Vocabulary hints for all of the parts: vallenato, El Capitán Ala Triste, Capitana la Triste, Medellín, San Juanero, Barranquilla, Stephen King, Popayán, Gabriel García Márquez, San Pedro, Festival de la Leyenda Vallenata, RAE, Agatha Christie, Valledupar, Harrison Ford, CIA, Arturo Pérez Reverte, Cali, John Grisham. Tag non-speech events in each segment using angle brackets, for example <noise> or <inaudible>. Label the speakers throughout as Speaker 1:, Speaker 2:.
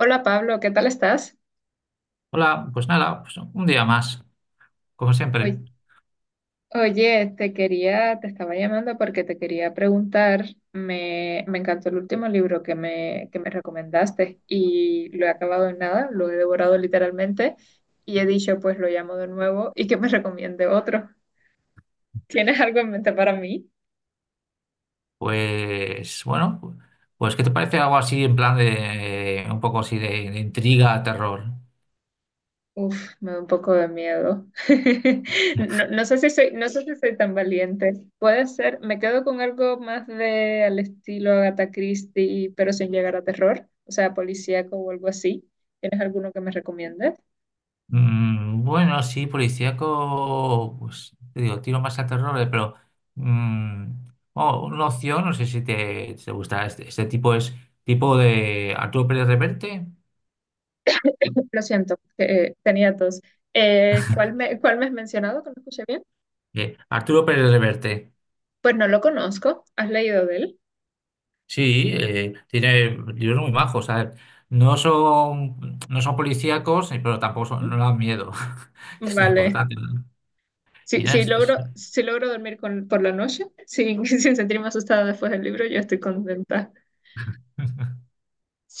Speaker 1: Hola Pablo, ¿qué tal estás?
Speaker 2: Hola, pues nada, pues un día más, como siempre.
Speaker 1: Oy- Oye, te estaba llamando porque te quería preguntar, me encantó el último libro que me recomendaste y lo he acabado en nada, lo he devorado literalmente y he dicho, pues lo llamo de nuevo y que me recomiende otro. ¿Tienes algo en mente para mí?
Speaker 2: Pues bueno, pues ¿qué te parece algo así en plan de un poco así de intriga, terror?
Speaker 1: Uf, me da un poco de miedo. <laughs> No, no sé si soy tan valiente. Puede ser, me quedo con algo más de al estilo Agatha Christie, pero sin llegar a terror, o sea, policíaco o algo así. ¿Tienes alguno que me recomiendes?
Speaker 2: Bueno, sí, policíaco, pues te digo, tiro más a terror, pero mm, oh, una opción, no sé si te gusta este tipo es tipo de Arturo Pérez Reverte.
Speaker 1: Lo siento, tenía dos. Cuál me has mencionado que no escuché bien?
Speaker 2: Arturo Pérez Reverte.
Speaker 1: Pues no lo conozco. ¿Has leído de él?
Speaker 2: Sí, tiene libros muy majos, a ver, no son policíacos, pero tampoco
Speaker 1: ¿Mm?
Speaker 2: no dan miedo, <laughs> que es lo
Speaker 1: Vale.
Speaker 2: importante, ¿no? Y
Speaker 1: Si,
Speaker 2: nada,
Speaker 1: si logro, si logro dormir con, por la noche, sin, <laughs> sin sentirme asustada después del libro, yo estoy contenta.
Speaker 2: <laughs>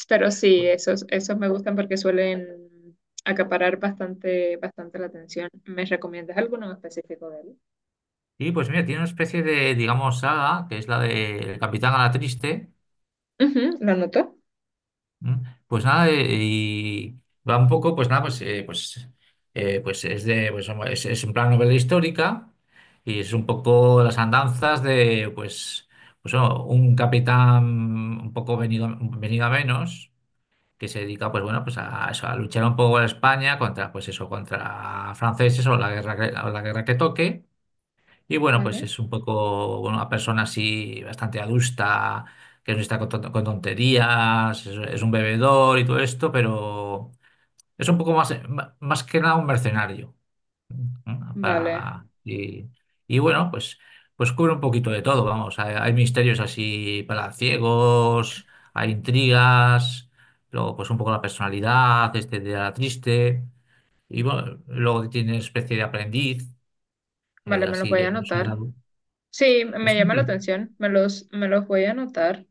Speaker 1: Pero sí,
Speaker 2: pues-
Speaker 1: esos me gustan porque suelen acaparar bastante la atención. ¿Me recomiendas alguno en específico de él?
Speaker 2: Y pues mira, tiene una especie de, digamos, saga, que es la de El Capitán Ala Triste.
Speaker 1: Ujú, ¿lo anotó?
Speaker 2: Pues nada, y va un poco, pues nada, pues hombre, es en plan novela histórica y es un poco las andanzas de, pues, pues bueno, un capitán un poco venido a menos que se dedica, pues bueno, pues a, eso, a luchar un poco en España contra, pues eso, contra franceses o la guerra o la guerra que toque. Y bueno, pues
Speaker 1: Vale,
Speaker 2: es un poco bueno, una persona así bastante adusta, que no está con tonterías. Es un bebedor y todo esto, pero es un poco más, más que nada un mercenario, ¿no?
Speaker 1: vale,
Speaker 2: Para, y bueno, pues, pues cubre un poquito de todo, vamos. Hay misterios así para ciegos, hay intrigas, luego pues un poco la personalidad, este de la triste, y bueno, luego tiene especie de aprendiz,
Speaker 1: vale, me los
Speaker 2: así
Speaker 1: voy
Speaker 2: de...
Speaker 1: a anotar. Sí, me llama la atención, me los voy a anotar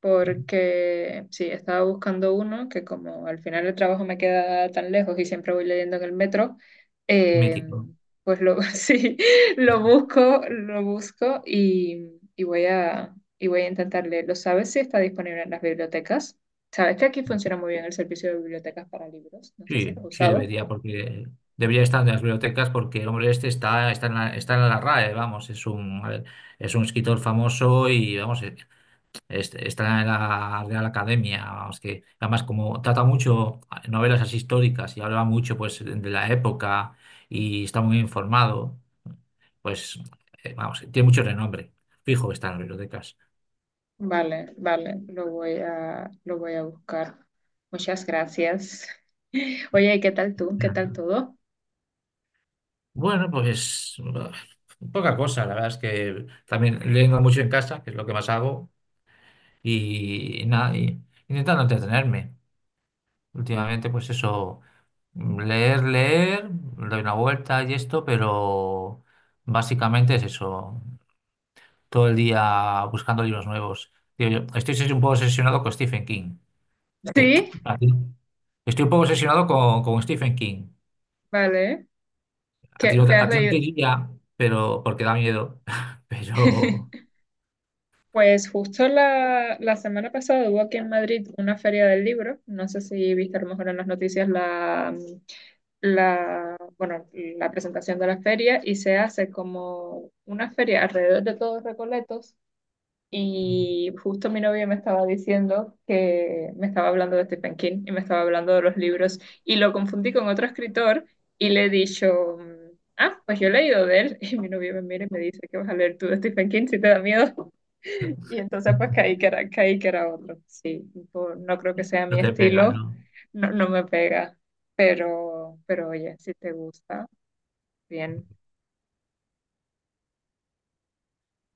Speaker 1: porque sí, estaba buscando uno que como al final el trabajo me queda tan lejos y siempre voy leyendo en el metro, eh,
Speaker 2: Mítico.
Speaker 1: pues lo, <laughs> sí, lo busco, y voy a intentar leerlo. ¿Sabes si está disponible en las bibliotecas? ¿Sabes que aquí funciona muy bien el servicio de bibliotecas para libros? No sé si lo
Speaker 2: Sí,
Speaker 1: has
Speaker 2: sí
Speaker 1: usado.
Speaker 2: debería, porque debería estar en las bibliotecas porque el hombre este está, está está en la RAE, vamos, es un, a ver, es un escritor famoso y vamos, está en la Real Academia, vamos, que además como trata mucho novelas así históricas y habla mucho pues de la época y está muy informado, pues vamos, tiene mucho renombre. Fijo que está en las bibliotecas.
Speaker 1: Vale, vale, lo voy a buscar. Muchas gracias. <laughs> Oye, ¿qué tal tú? ¿Qué tal todo?
Speaker 2: Bueno, pues bah, poca cosa, la verdad es que también leyendo mucho en casa, que es lo que más hago, y, nada, y intentando entretenerme. Últimamente, pues eso, leer, doy una vuelta y esto, pero básicamente es eso, todo el día buscando libros nuevos. Tío, yo estoy un poco obsesionado con Stephen King, que
Speaker 1: Sí,
Speaker 2: a ti- estoy un poco obsesionado con Stephen King.
Speaker 1: vale. Qué has
Speaker 2: A ti no te
Speaker 1: leído?
Speaker 2: diría, pero porque da miedo, <laughs> pero...
Speaker 1: <laughs> Pues justo la semana pasada hubo aquí en Madrid una feria del libro. No sé si viste a lo mejor en las noticias bueno, la presentación de la feria y se hace como una feria alrededor de todos Recoletos. Y justo mi novio me estaba diciendo que me estaba hablando de Stephen King y me estaba hablando de los libros y lo confundí con otro escritor y le he dicho, ah, pues yo he leído de él, <laughs> y mi novio me mira y me dice que vas a leer tú de Stephen King si te da miedo. <laughs> Y entonces pues caí que era otro. Sí, no creo que sea
Speaker 2: No
Speaker 1: mi
Speaker 2: te pega,
Speaker 1: estilo,
Speaker 2: ¿no?
Speaker 1: no, no me pega, pero oye, si te gusta, bien.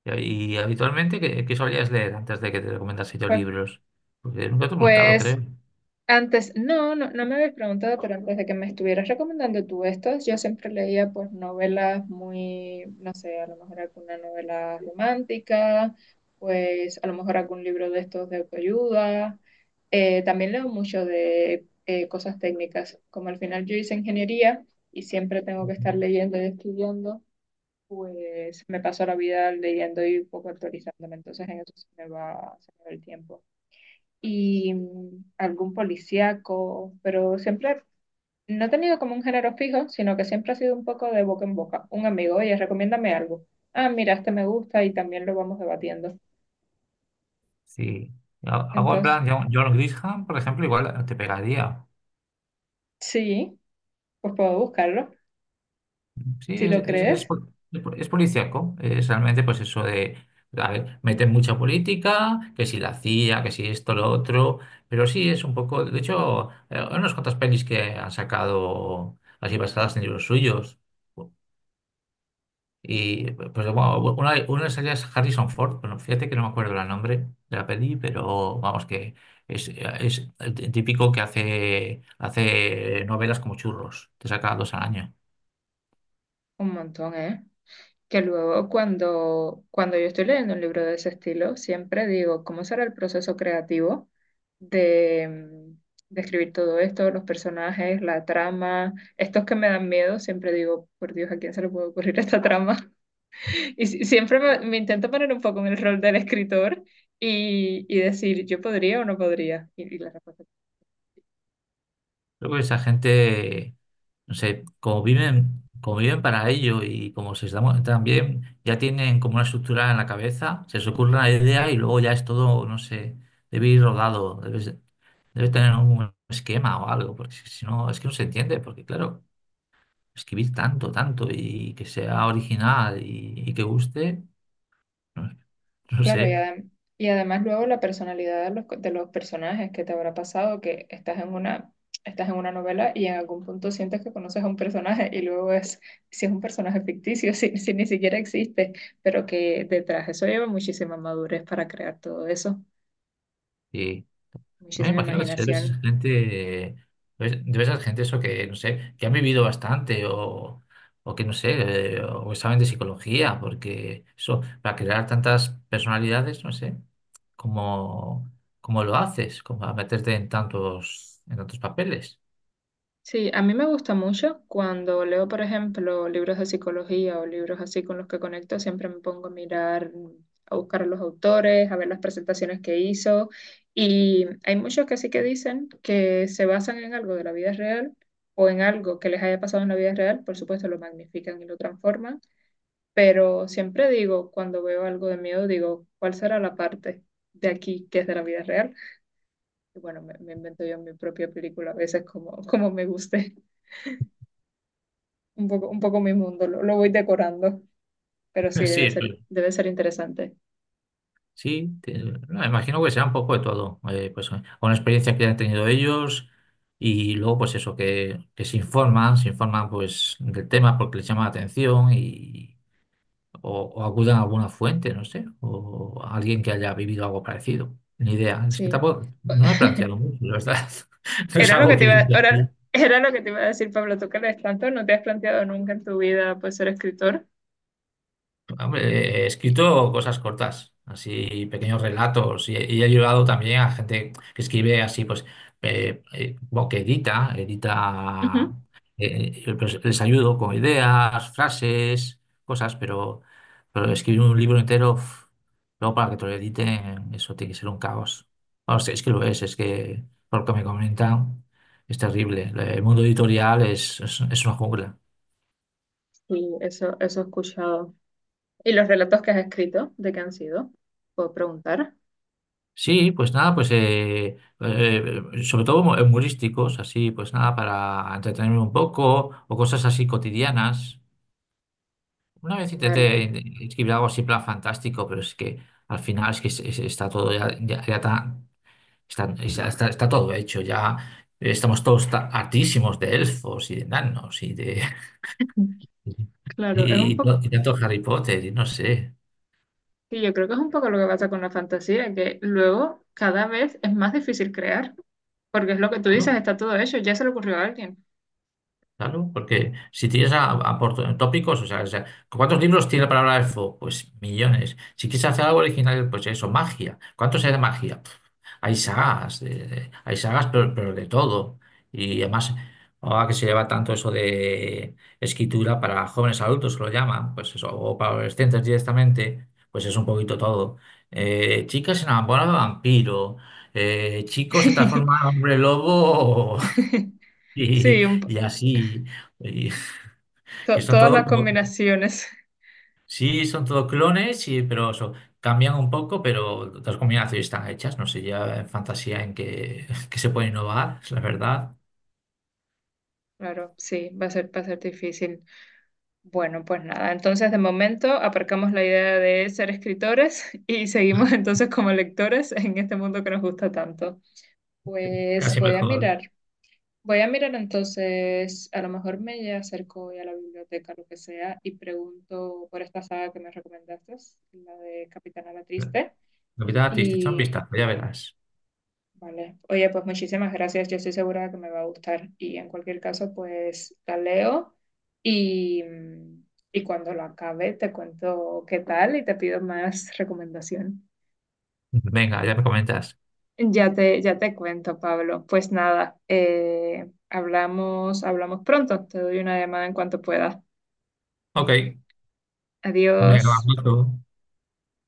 Speaker 2: Y habitualmente, ¿qué solías leer antes de que te recomendase yo
Speaker 1: Pues,
Speaker 2: libros? Porque nunca te he preguntado,
Speaker 1: pues,
Speaker 2: creo.
Speaker 1: antes, no me habías preguntado, pero antes de que me estuvieras recomendando tú estas, yo siempre leía pues novelas muy, no sé, a lo mejor alguna novela romántica, pues a lo mejor algún libro de estos de autoayuda. También leo mucho de cosas técnicas, como al final yo hice ingeniería y siempre tengo que estar leyendo y estudiando, pues me paso la vida leyendo y un poco actualizándome, entonces en eso se me va el tiempo y mm, algún policíaco, pero siempre no he tenido como un género fijo, sino que siempre ha sido un poco de boca en boca. Un amigo, oye, recomiéndame algo. Ah, mira, este me gusta y también lo vamos debatiendo.
Speaker 2: Sí. Algo en
Speaker 1: Entonces,
Speaker 2: plan, John Grisham, por ejemplo, igual te pegaría.
Speaker 1: sí, pues puedo buscarlo.
Speaker 2: Sí,
Speaker 1: Si
Speaker 2: es,
Speaker 1: lo
Speaker 2: es, es,
Speaker 1: crees,
Speaker 2: pol- es policíaco. Es realmente, pues eso de, a ver, meten mucha política, que si la CIA, que si esto, lo otro. Pero sí, es un poco. De hecho, hay unas cuantas pelis que han sacado así basadas en libros suyos. Y pues bueno, una de esas ya es Harrison Ford, bueno, fíjate que no me acuerdo el nombre de la peli, pero vamos que es el típico que hace novelas como churros, te saca dos al año.
Speaker 1: un montón, ¿eh? Que luego cuando yo estoy leyendo un libro de ese estilo, siempre digo, ¿cómo será el proceso creativo de, mm, de escribir todo esto, los personajes, la trama? Estos que me dan miedo, siempre digo, por Dios, ¿a quién se le puede ocurrir esta trama? <laughs> Y siempre me intento poner un poco en el rol del escritor y decir, ¿yo podría o no podría? Y la respuesta.
Speaker 2: Creo que esa gente, no sé, como viven para ello y como se están también ya tienen como una estructura en la cabeza, se les ocurre una idea y luego ya es todo, no sé, debe ir rodado, debe, debe tener un esquema o algo, porque si no, es que no se entiende, porque claro, escribir tanto y que sea original y que guste, no, <laughs> no
Speaker 1: Claro,
Speaker 2: sé.
Speaker 1: y además luego la personalidad de de los personajes que te habrá pasado, que estás en una novela y en algún punto sientes que conoces a un personaje y luego es, si es un personaje ficticio, <laughs> si ni siquiera existe, pero que detrás eso lleva muchísima madurez para crear todo eso,
Speaker 2: Y me
Speaker 1: muchísima
Speaker 2: imagino que debe ser
Speaker 1: imaginación.
Speaker 2: gente, debe ser gente eso que, no sé, que han vivido bastante o que no sé, o que saben de psicología, porque eso, para crear tantas personalidades, no sé, cómo, cómo lo haces, cómo a meterte en tantos papeles.
Speaker 1: Sí, a mí me gusta mucho cuando leo, por ejemplo, libros de psicología o libros así con los que conecto, siempre me pongo a mirar, a buscar a los autores, a ver las presentaciones que hizo. Y hay muchos que sí que dicen que se basan en algo de la vida real o en algo que les haya pasado en la vida real, por supuesto lo magnifican y lo transforman, pero siempre digo, cuando veo algo de miedo, digo, ¿cuál será la parte de aquí que es de la vida real? Y bueno, me invento yo mi propia película a veces como, <laughs> como me guste. Un poco, un poco mi mundo, lo voy decorando, pero sí,
Speaker 2: <laughs> Sí,
Speaker 1: debe ser interesante.
Speaker 2: sí, no, me imagino que será un poco de todo, pues con la experiencia que han tenido ellos y luego pues eso, que se informan pues del tema porque les llama la atención y o acudan a alguna fuente, no sé, o a alguien que haya vivido algo parecido. Ni idea, es que
Speaker 1: Sí.
Speaker 2: tampoco, no he planteado mucho, la verdad. <laughs> No es
Speaker 1: Era lo
Speaker 2: algo
Speaker 1: que te
Speaker 2: que
Speaker 1: iba,
Speaker 2: viene aquí.
Speaker 1: era lo que te iba a decir, Pablo, tú que lees tanto, no te has planteado nunca en tu vida pues, ser escritor.
Speaker 2: Hombre, he escrito cosas cortas, así pequeños relatos, y, he ayudado también a gente que escribe así, pues, bueno, que edita,
Speaker 1: Ujú.
Speaker 2: pues, les ayudo con ideas, frases, cosas, pero escribir un libro entero, uf, luego para que te lo editen, eso tiene que ser un caos. Bueno, es que lo es que por lo que me comentan, es terrible. El mundo editorial es, es una jungla.
Speaker 1: Sí, eso he escuchado. ¿Y los relatos que has escrito, de qué han sido? ¿Puedo preguntar?
Speaker 2: Sí, pues nada, sobre todo humorísticos, así, pues nada, para entretenerme un poco, o cosas así cotidianas. Una vez intenté
Speaker 1: Vale.
Speaker 2: escribir algo así, en plan fantástico, pero es que al final es que está todo ya, ya está todo hecho, ya estamos todos hartísimos de elfos y de enanos y de,
Speaker 1: <laughs>
Speaker 2: <laughs>
Speaker 1: Claro, es un
Speaker 2: y,
Speaker 1: poco,
Speaker 2: y tanto Harry Potter y no sé.
Speaker 1: sí, yo creo que es un poco lo que pasa con la fantasía, que luego cada vez es más difícil crear, porque es lo que tú dices, está todo hecho, ya se le ocurrió a alguien.
Speaker 2: Claro, porque si tienes a por tópicos, o sea, ¿cuántos libros tiene la palabra elfo? Pues millones. Si quieres hacer algo original, pues eso, magia. ¿Cuántos hay de magia? Pf, hay sagas, hay sagas, pero de todo. Y además, ahora que se lleva tanto eso de escritura para jóvenes adultos, que lo llaman, pues eso, o para adolescentes directamente, pues es un poquito todo. Chicas se enamoran de vampiro, chicos se transforman en
Speaker 1: <laughs>
Speaker 2: hombre lobo y,
Speaker 1: Sí, un,
Speaker 2: y así, y- que son
Speaker 1: Todas
Speaker 2: todo
Speaker 1: las
Speaker 2: como,
Speaker 1: combinaciones. <laughs>
Speaker 2: sí, son todo clones, y, pero eso, cambian un poco, pero las combinaciones están hechas, no sé, ya en fantasía en que, <laughs> que se puede innovar, la verdad,
Speaker 1: Claro, sí, va a ser difícil. Bueno, pues nada, entonces de momento aparcamos la idea de ser escritores <laughs> y seguimos entonces como lectores en este mundo que nos gusta tanto. Pues
Speaker 2: casi mejor.
Speaker 1: voy a mirar entonces, a lo mejor me acerco hoy a la biblioteca, lo que sea, y pregunto por esta saga que me recomendaste, la de Capitana la Triste,
Speaker 2: Navidad, te echa un
Speaker 1: y
Speaker 2: vistazo, ya verás.
Speaker 1: vale. Oye, pues muchísimas gracias. Yo estoy segura de que me va a gustar. Y en cualquier caso, pues la leo y, y cuando lo acabe te cuento qué tal y te pido más <laughs> recomendación.
Speaker 2: Venga, ya me comentas.
Speaker 1: Ya te cuento, Pablo. Pues nada, hablamos, hablamos pronto. Te doy una llamada en cuanto pueda.
Speaker 2: Ok, venga, un
Speaker 1: Adiós.
Speaker 2: abrazo.